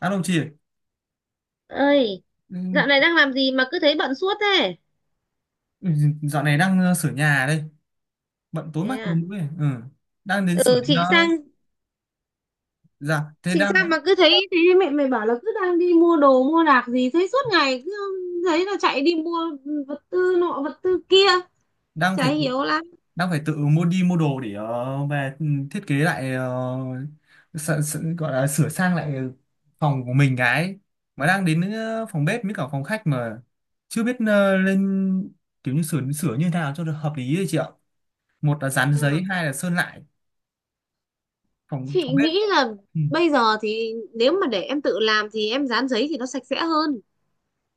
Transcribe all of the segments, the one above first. Alo chị ạ. Ơi, Ừ, dạo này đang làm gì mà cứ thấy bận suốt thế? ừ, dạo này đang sửa nhà đây, bận tối Thế mắt tối à? mũi. Ừ. Đang đến sửa Ừ, đến, chị sang dạ thế chị sang đang, mà cứ thấy thế. Mẹ mày bảo là cứ đang đi mua đồ mua đạc gì thấy suốt ngày cứ thấy là chạy đi mua vật tư nọ vật tư kia, đang chả phải hiểu lắm. đang phải tự mua, đi mua đồ để, về, ừ, thiết kế lại, gọi là sửa sang lại phòng của mình. Cái mà đang đến, phòng bếp với cả phòng khách, mà chưa biết, lên kiểu như sửa sửa như thế nào cho được hợp lý đấy chị ạ. Một là dán Ờ, giấy, hai là sơn lại phòng chị phòng bếp. nghĩ là Ừ. bây giờ thì nếu mà để em tự làm thì em dán giấy thì nó sạch sẽ hơn.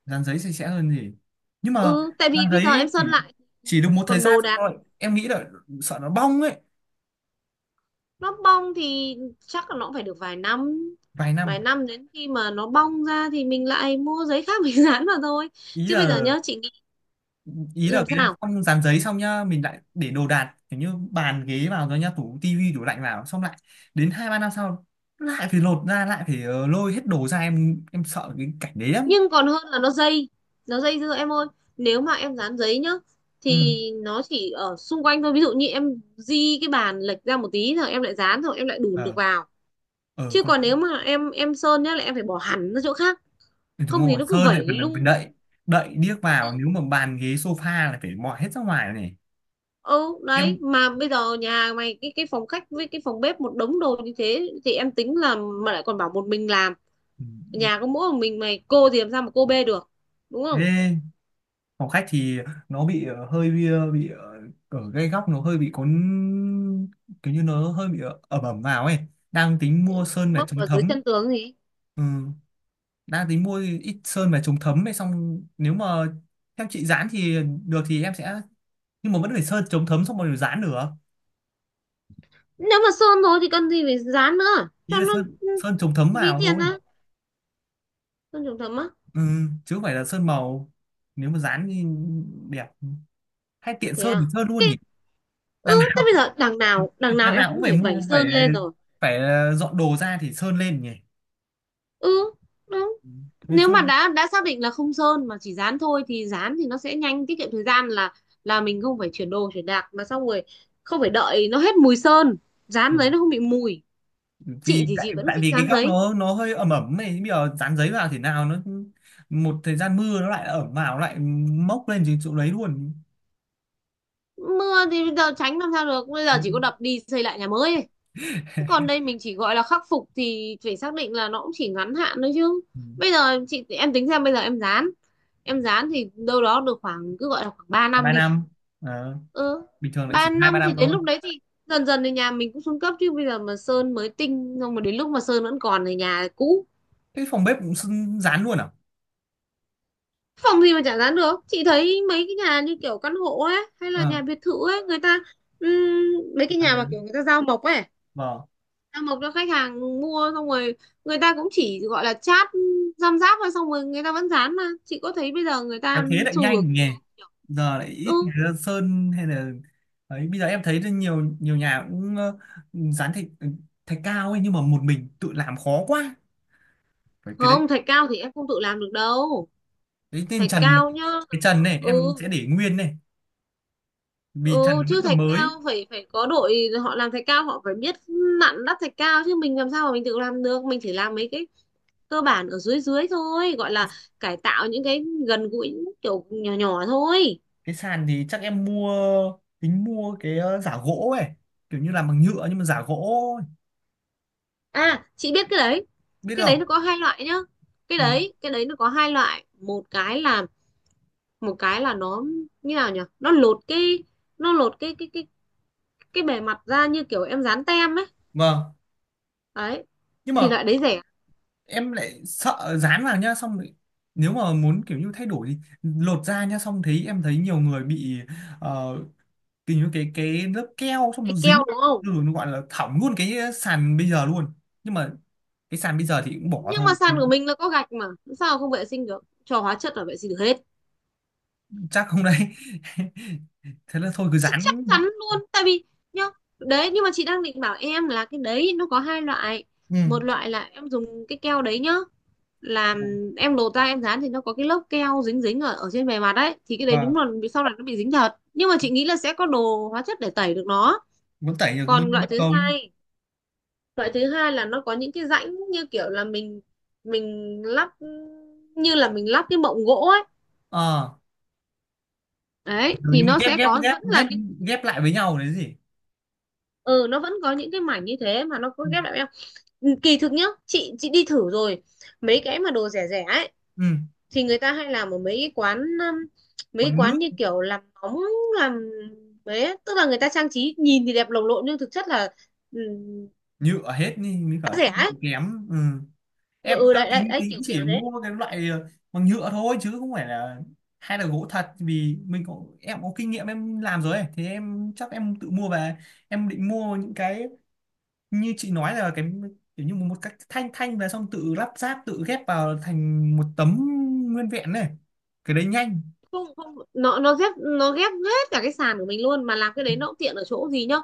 Dán giấy sạch sẽ hơn gì, nhưng mà Ừ, tại vì dán bây giờ giấy em sơn chỉ lại. chỉ được một thời Còn gian đồ đạc. thôi, em nghĩ là sợ nó bong ấy. Nó bong thì chắc là nó cũng phải được vài năm. Vài năm. Vài năm, đến khi mà nó bong ra thì mình lại mua giấy khác mình dán vào thôi. Ý Chứ bây giờ là, nhá chị nghĩ. ý là Làm cái sao? xong dán giấy xong nhá, mình lại để đồ đạc kiểu như bàn ghế vào rồi nhá, tủ tivi tủ lạnh vào, xong lại đến hai ba năm sau lại phải lột ra, lại phải, lôi hết đồ ra, em sợ cái cảnh đấy lắm. Nhưng còn hơn là nó dây. Nó dây dưa em ơi. Nếu mà em dán giấy nhá Ừ, thì nó chỉ ở xung quanh thôi, ví dụ như em di cái bàn lệch ra một tí rồi em lại dán rồi em lại đùn được ờ, vào. ờ Chứ còn, còn nếu mà em sơn nhá là em phải bỏ hẳn ra chỗ khác. Không đúng thì rồi, nó cứ sơn lại phần vẩy phần lung đậy, tung. đậy điếc vào, nếu mà bàn ghế sofa là phải mọi hết ra ngoài này. Ừ đấy, Em. mà bây giờ nhà mày cái phòng khách với cái phòng bếp một đống đồ như thế thì em tính là. Mà lại còn bảo một mình làm. Ừ. Nhà có mỗi một mình mày, cô thì làm sao mà cô bê được? Đúng không? Ghê. Phòng khách thì nó bị, hơi bị, bị, ở cái góc nó hơi bị có kiểu như nó hơi bị, ẩm ẩm vào ấy. Đang tính mua sơn để Móc chống ở dưới thấm. chân tường gì? Ừ. Đang tính mua ít sơn về chống thấm ấy, xong nếu mà theo chị dán thì được thì em sẽ, nhưng mà vẫn phải sơn chống thấm xong rồi dán được. Nếu mà sơn rồi thì cần gì phải dán nữa Ý cho là nó? sơn, Ừ, sơn chống thấm ví vào tiền thôi. á? Sơn trùng thấm á? Ừ. Chứ không phải là sơn màu. Nếu mà dán thì đẹp, hay tiện Thế sơn à? thì sơn luôn Cái- nhỉ. ừ, đằng thế nào bây giờ đằng nào đằng em nào cũng cũng phải phải vẩy mua, phải sơn lên rồi. phải dọn đồ ra thì sơn lên nhỉ. Ừ, đúng. Nói Nếu mà chung. đã xác định là không sơn mà chỉ dán thôi thì dán thì nó sẽ nhanh, tiết kiệm thời gian là mình không phải chuyển đồ chuyển đạc mà, xong rồi không phải đợi nó hết mùi sơn. Dán Ừ, giấy nó không bị mùi. Chị vì thì tại chị vẫn tại thích vì cái dán góc giấy. Nó hơi ẩm ẩm này, bây giờ dán giấy vào thế nào nó một thời gian mưa nó lại ẩm vào, nó lại mốc lên trên chỗ đấy luôn. Mưa thì bây giờ tránh làm sao được, bây Ừ. giờ chỉ có đập đi xây lại nhà mới ấy. Thế còn đây mình chỉ gọi là khắc phục thì phải xác định là nó cũng chỉ ngắn hạn thôi chứ. Ừ. Bây giờ chị em tính xem bây giờ em dán thì đâu đó được khoảng, cứ gọi là khoảng 3 Hai năm ba đi. năm. Ờ, Ừ, bình thường lại chỉ ba hai ba năm thì năm đến thôi. lúc đấy thì dần dần thì nhà mình cũng xuống cấp, chứ bây giờ mà sơn mới tinh xong mà đến lúc mà sơn vẫn còn thì nhà cũ. Cái phòng bếp cũng dán luôn à? Phòng gì mà chả dán được. Chị thấy mấy cái nhà như kiểu căn hộ ấy hay là Ờ, nhà biệt thự ấy, người ta, ừm, mấy cái dán nhà giấy. mà kiểu người ta giao mộc ấy, Vâng. giao mộc cho khách hàng mua xong rồi, người ta cũng chỉ gọi là chát răm ráp thôi, xong rồi người ta vẫn dán mà. Chị có thấy bây giờ người Kéo ta thế lại xu hướng nhanh nhỉ. dán nhiều. Giờ lại Ừ. ít người ra sơn hay là ấy. Bây giờ em thấy nhiều nhiều nhà cũng, dán thạch thạch cao ấy, nhưng mà một mình tự làm khó quá, phải cái đấy. Không, thạch cao thì em không tự làm được đâu. Cái tên Thạch trần, cao nhá. cái trần này Ừ. em sẽ để nguyên này, vì trần Ừ, nó vẫn chứ còn thạch mới. cao phải phải có đội họ làm thạch cao, họ phải biết nặn đắp thạch cao chứ mình làm sao mà mình tự làm được. Mình chỉ làm mấy cái cơ bản ở dưới dưới thôi, gọi là Cái, cải tạo những cái gần gũi kiểu nhỏ nhỏ thôi. sàn thì chắc em mua, tính mua cái, giả gỗ ấy, kiểu như làm bằng nhựa nhưng mà giả gỗ ấy. À, chị biết cái đấy Biết cái đấy không? nó có hai loại nhá. Cái Ừ. đấy cái đấy nó có hai loại, một cái là nó, như nào nhỉ, nó lột cái bề mặt ra như kiểu em dán tem ấy. Vâng. Đấy Nhưng thì mà loại đấy rẻ. em lại sợ dán vào nhá, xong rồi nếu mà muốn kiểu như thay đổi thì lột ra nhá, xong thấy, em thấy nhiều người bị, ờ, kiểu như cái lớp keo xong nó Cái dính keo đúng không? rồi, nó gọi là hỏng luôn cái sàn bây giờ luôn. Nhưng mà cái sàn bây giờ thì cũng bỏ Nhưng mà thôi. sàn của mình là có gạch mà. Sao không vệ sinh được, cho hóa chất là vệ sinh được hết. Chắc không đấy. Thế là thôi cứ Chắc dán. chắn luôn tại vì nhá, đấy. Nhưng mà chị đang định bảo em là cái đấy nó có hai loại. Ừ. Một loại là em dùng cái keo đấy nhá, làm, em lột ra em dán thì nó có cái lớp keo dính dính ở ở trên bề mặt đấy thì cái đấy Và đúng là sau này nó bị dính thật, nhưng mà chị nghĩ là sẽ có đồ hóa chất để tẩy được nó. vẫn tẩy được thôi, Còn mất loại thứ công. hai, loại thứ hai là nó có những cái rãnh như kiểu là mình lắp, như là mình lắp cái mộng gỗ ấy. Ờ. Đấy Kiểu như thì mình nó ghép sẽ ghép có, ghép vẫn là ghép những, ghép lại với nhau đấy gì. ừ, nó vẫn có những cái mảnh như thế mà nó có Ừ. ghép lại với nhau. Ừ, kỳ thực nhá, chị đi thử rồi. Mấy cái mà đồ rẻ rẻ ấy Ừ. thì người ta hay làm ở mấy cái quán, mấy cái Còn nước. quán như kiểu làm móng, làm, đấy tức là người ta trang trí nhìn thì đẹp lồng lộn nhưng thực chất là, ừ, Nhựa hết đi mới cả giá rẻ chất ấy. lượng kém. Ừ. Ừ, Em ừ đang đấy, đấy tính, đấy tính kiểu chỉ kiểu thế. mua cái loại, bằng nhựa thôi, chứ không phải là hay là gỗ thật, vì mình có, em có kinh nghiệm em làm rồi ấy. Thì em chắc em tự mua về. Em định mua những cái như chị nói là cái kiểu như một cách thanh thanh là xong, tự lắp ráp, tự ghép vào thành một tấm nguyên vẹn này. Cái đấy nhanh. Không không, nó ghép hết cả cái sàn của mình luôn, mà làm cái đấy nó cũng tiện ở chỗ gì nhá,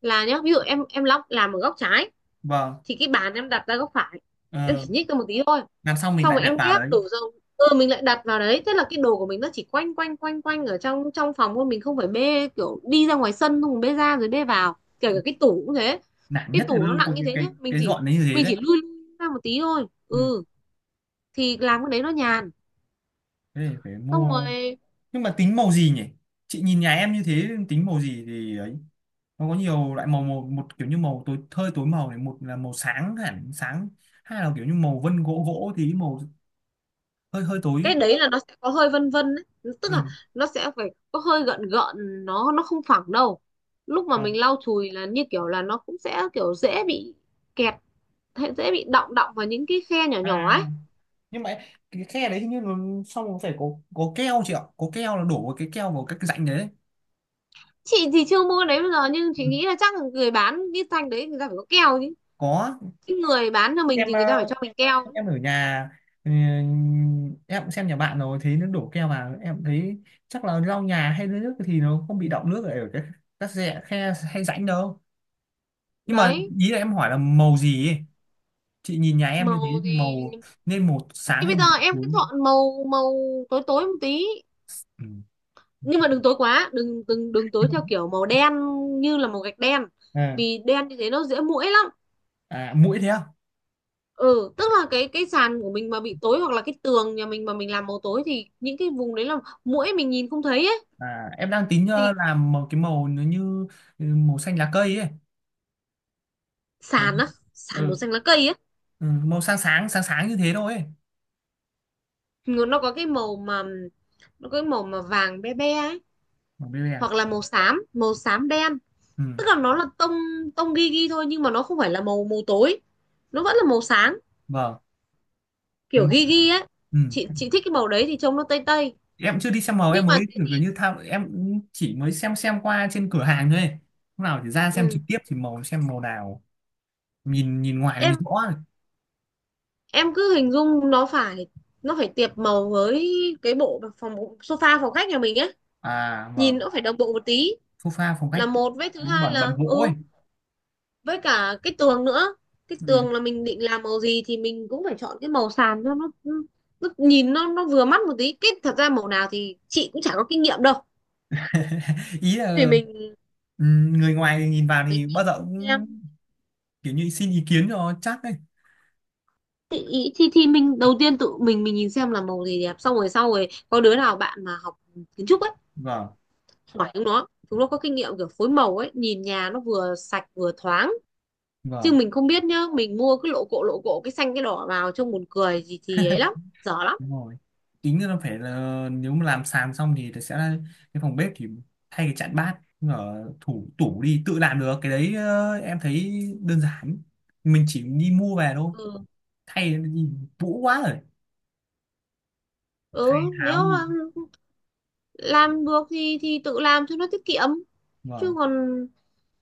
là nhá, ví dụ em lóc làm ở góc trái. Vâng. Thì cái bàn em đặt ra góc phải, em chỉ Ờ, nhích ra một tí thôi. làm xong mình Xong lại rồi đặt em vào ghép đấy. đổ dầu, ừ, mình lại đặt vào đấy thế là cái đồ của mình nó chỉ quanh quanh quanh quanh ở trong trong phòng thôi, mình không phải bê kiểu đi ra ngoài sân xong rồi bê ra rồi bê vào, kể cả cái tủ cũng thế. Nản Cái nhất là tủ nó nặng cái như cái thế cái, chứ mình cái chỉ dọn đấy như thế mình đấy. chỉ lui lui ra một tí thôi, Ừ. ừ. Thì làm cái đấy nó nhàn. Thế thì phải Xong mua. rồi, Nhưng mà tính màu gì nhỉ? Chị nhìn nhà em như thế tính màu gì thì ấy. Nó có nhiều loại màu, một kiểu như màu tối, hơi tối màu này, một là màu sáng hẳn sáng, hai là kiểu như màu vân gỗ. Gỗ thì màu hơi hơi tối. cái đấy là nó sẽ có hơi vân vân ấy, tức Ừ. là nó sẽ phải có hơi gợn gợn, nó không phẳng đâu. Lúc mà mình Vâng. lau chùi là như kiểu là nó cũng sẽ kiểu dễ bị kẹt, hay dễ bị đọng đọng vào những cái khe nhỏ À. nhỏ ấy. Nhưng mà cái khe đấy hình như là xong rồi phải có keo chị ạ, có keo là đổ vào cái keo vào cái rãnh đấy. Chị thì chưa mua cái đấy bây giờ nhưng Ừ. chị nghĩ là chắc là người bán cái thanh đấy người ta phải có keo chứ. Có. Cái người bán cho Lúc mình em, thì người ta phải cho mình keo. lúc em ở nhà, ừ, em cũng xem nhà bạn rồi thấy nó đổ keo vào, em thấy chắc là lau nhà hay lấy nước thì nó không bị đọng nước ở cái các rẽ khe hay rãnh đâu. Nhưng mà Đấy, ý là em hỏi là màu gì ấy. Chị nhìn nhà em như thế màu thì thì màu nên màu sáng thì hay bây giờ màu em tối? cứ chọn màu màu tối tối một tí. Ừ. Nhưng mà đừng tối quá, đừng đừng đừng tối theo kiểu màu đen, như là màu gạch đen. À, Vì đen như thế nó dễ muỗi lắm. à, mũi thế à? Ừ, tức là cái sàn của mình mà bị tối hoặc là cái tường nhà mình mà mình làm màu tối thì những cái vùng đấy là muỗi mình nhìn không thấy ấy. À, em đang tính, Thì, làm một cái màu nó như, ừ, màu xanh lá cây ấy. Màu, sàn á? Sàn ừ, màu xanh lá cây ấy? ừ, màu sáng sáng sáng sáng như thế thôi ấy. Nó nó có cái màu mà nó có cái màu mà vàng be be ấy, Màu bê bè. hoặc là màu xám, màu xám đen. Ừ, Tức là nó là tông tông ghi ghi thôi, nhưng mà nó không phải là màu màu tối, nó vẫn là màu sáng, vâng. Cái kiểu màu-. ghi ghi ấy. Ừ. Chị thích cái màu đấy thì trông nó tây tây. Em chưa đi xem màu, Nhưng em mà mới thế kiểu thì, kiểu như tham, em cũng chỉ mới xem qua trên cửa hàng thôi. Lúc nào thì ra xem trực ừ, tiếp thì màu, xem màu nào nhìn, nhìn ngoài thì mình em rõ rồi. em cứ hình dung nó phải, nó phải tiệp màu với cái sofa phòng khách nhà mình ấy. À Nhìn vâng. nó phải đồng bộ một tí. Phô pha phong Là cách. một, với thứ hai Bẩn là bẩn gỗ ấy. ừ, với cả cái tường nữa. Cái Ừ. tường là mình định làm màu gì thì mình cũng phải chọn cái màu sàn cho nó, ừ, nó nhìn nó vừa mắt một tí. Cái thật ra màu nào thì chị cũng chả có kinh nghiệm đâu. Ý Thì là, mình ừ, người ngoài nhìn vào thì mình bao nhìn giờ xem. cũng kiểu như xin ý kiến cho chắc ấy. Thì, ý- thì thì mình đầu tiên tự mình nhìn xem là màu gì đẹp, xong rồi sau rồi có đứa nào bạn mà học kiến trúc ấy, Vâng. hỏi chúng nó, chúng nó có kinh nghiệm kiểu phối màu ấy, nhìn nhà nó vừa sạch vừa thoáng. Chứ Vâng, mình không biết nhá, mình mua cái lộ cộ cái xanh cái đỏ vào trông buồn cười gì thì ấy lắm, dở lắm. đúng rồi. Tính là phải là nếu mà làm sàn xong thì sẽ là cái phòng bếp thì thay cái chặn bát ở thủ tủ đi, tự làm được cái đấy. Ờ, em thấy đơn giản, mình chỉ đi mua về thôi, Ừ. thay đi. Vũ quá rồi. Thay Ừ, tháo nếu mà đi. làm được thì tự làm cho nó tiết kiệm. Chứ Vâng. còn,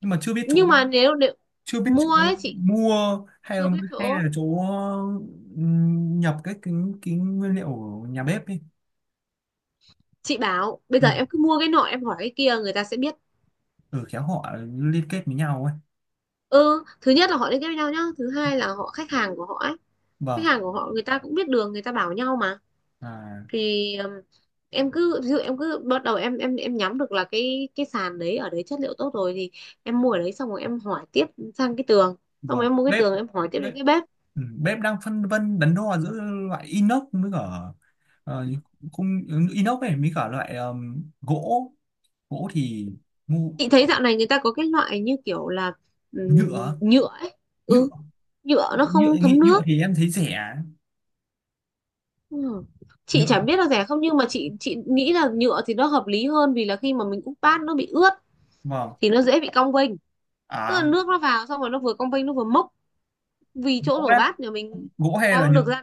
Nhưng mà chưa biết chỗ, nhưng mà nếu chưa biết chỗ mua ấy chị mua, chưa biết hay là chỗ. chỗ, nhập cái nguyên liệu ở nhà bếp đi. Chị bảo bây Ừ, giờ em cứ mua cái nọ em hỏi cái kia người ta sẽ biết. ừ khéo họ liên kết với nhau ấy. Ừ, thứ nhất là họ liên kết với nhau nhá, thứ hai là họ, khách hàng của họ ấy, khách Vâng. hàng của họ người ta cũng biết đường người ta bảo nhau mà. À Thì em cứ ví dụ, em cứ bắt đầu em nhắm được là cái sàn đấy ở đấy chất liệu tốt rồi thì em mua ở đấy xong rồi em hỏi tiếp sang cái tường. Xong rồi vâng, em mua cái bếp. tường em hỏi tiếp đến cái bếp. Ừ, bếp đang phân vân đắn đo giữa loại inox với cả, ờ, khung, ừ, inox này với cả loại, gỗ. Gỗ thì ngu. Chị thấy dạo này người ta có cái loại như kiểu là, Nhựa. nhựa ấy. Nhựa. Ừ, nhựa nó Nhựa không nghĩ, thấm nhựa nước. thì em thấy rẻ. Ừ. Chị Nhựa. chẳng biết là rẻ không nhưng mà chị nghĩ là nhựa thì nó hợp lý hơn vì là khi mà mình úp bát nó bị ướt Vâng. thì nó dễ bị cong vênh. Tức là À. nước nó vào xong rồi nó vừa cong vênh nó vừa mốc. Vì chỗ Gỗ rửa á, bát nhà mình gỗ hay là có nhựa. được ra.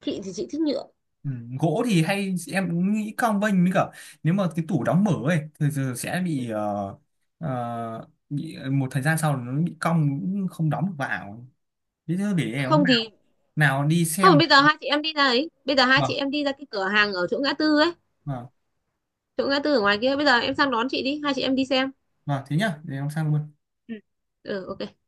Chị thì chị thích nhựa. Ừ, gỗ thì hay em nghĩ cong vênh với cả, nếu mà cái tủ đóng mở ấy thì giờ sẽ Ừ. bị, bị một thời gian sau nó bị cong cũng không đóng được vào. Thế thôi, để em hôm Không thì, nào, nào đi không, xem. bây giờ hai chị em đi ra ấy. Bây giờ hai chị Vâng. em đi ra cái cửa hàng ở chỗ ngã tư ấy, Vâng. chỗ ngã tư ở ngoài kia. Bây giờ em sang đón chị đi, hai chị em đi xem. Vâng, thế nhá, để em sang luôn. Ừ. Ừ, ok.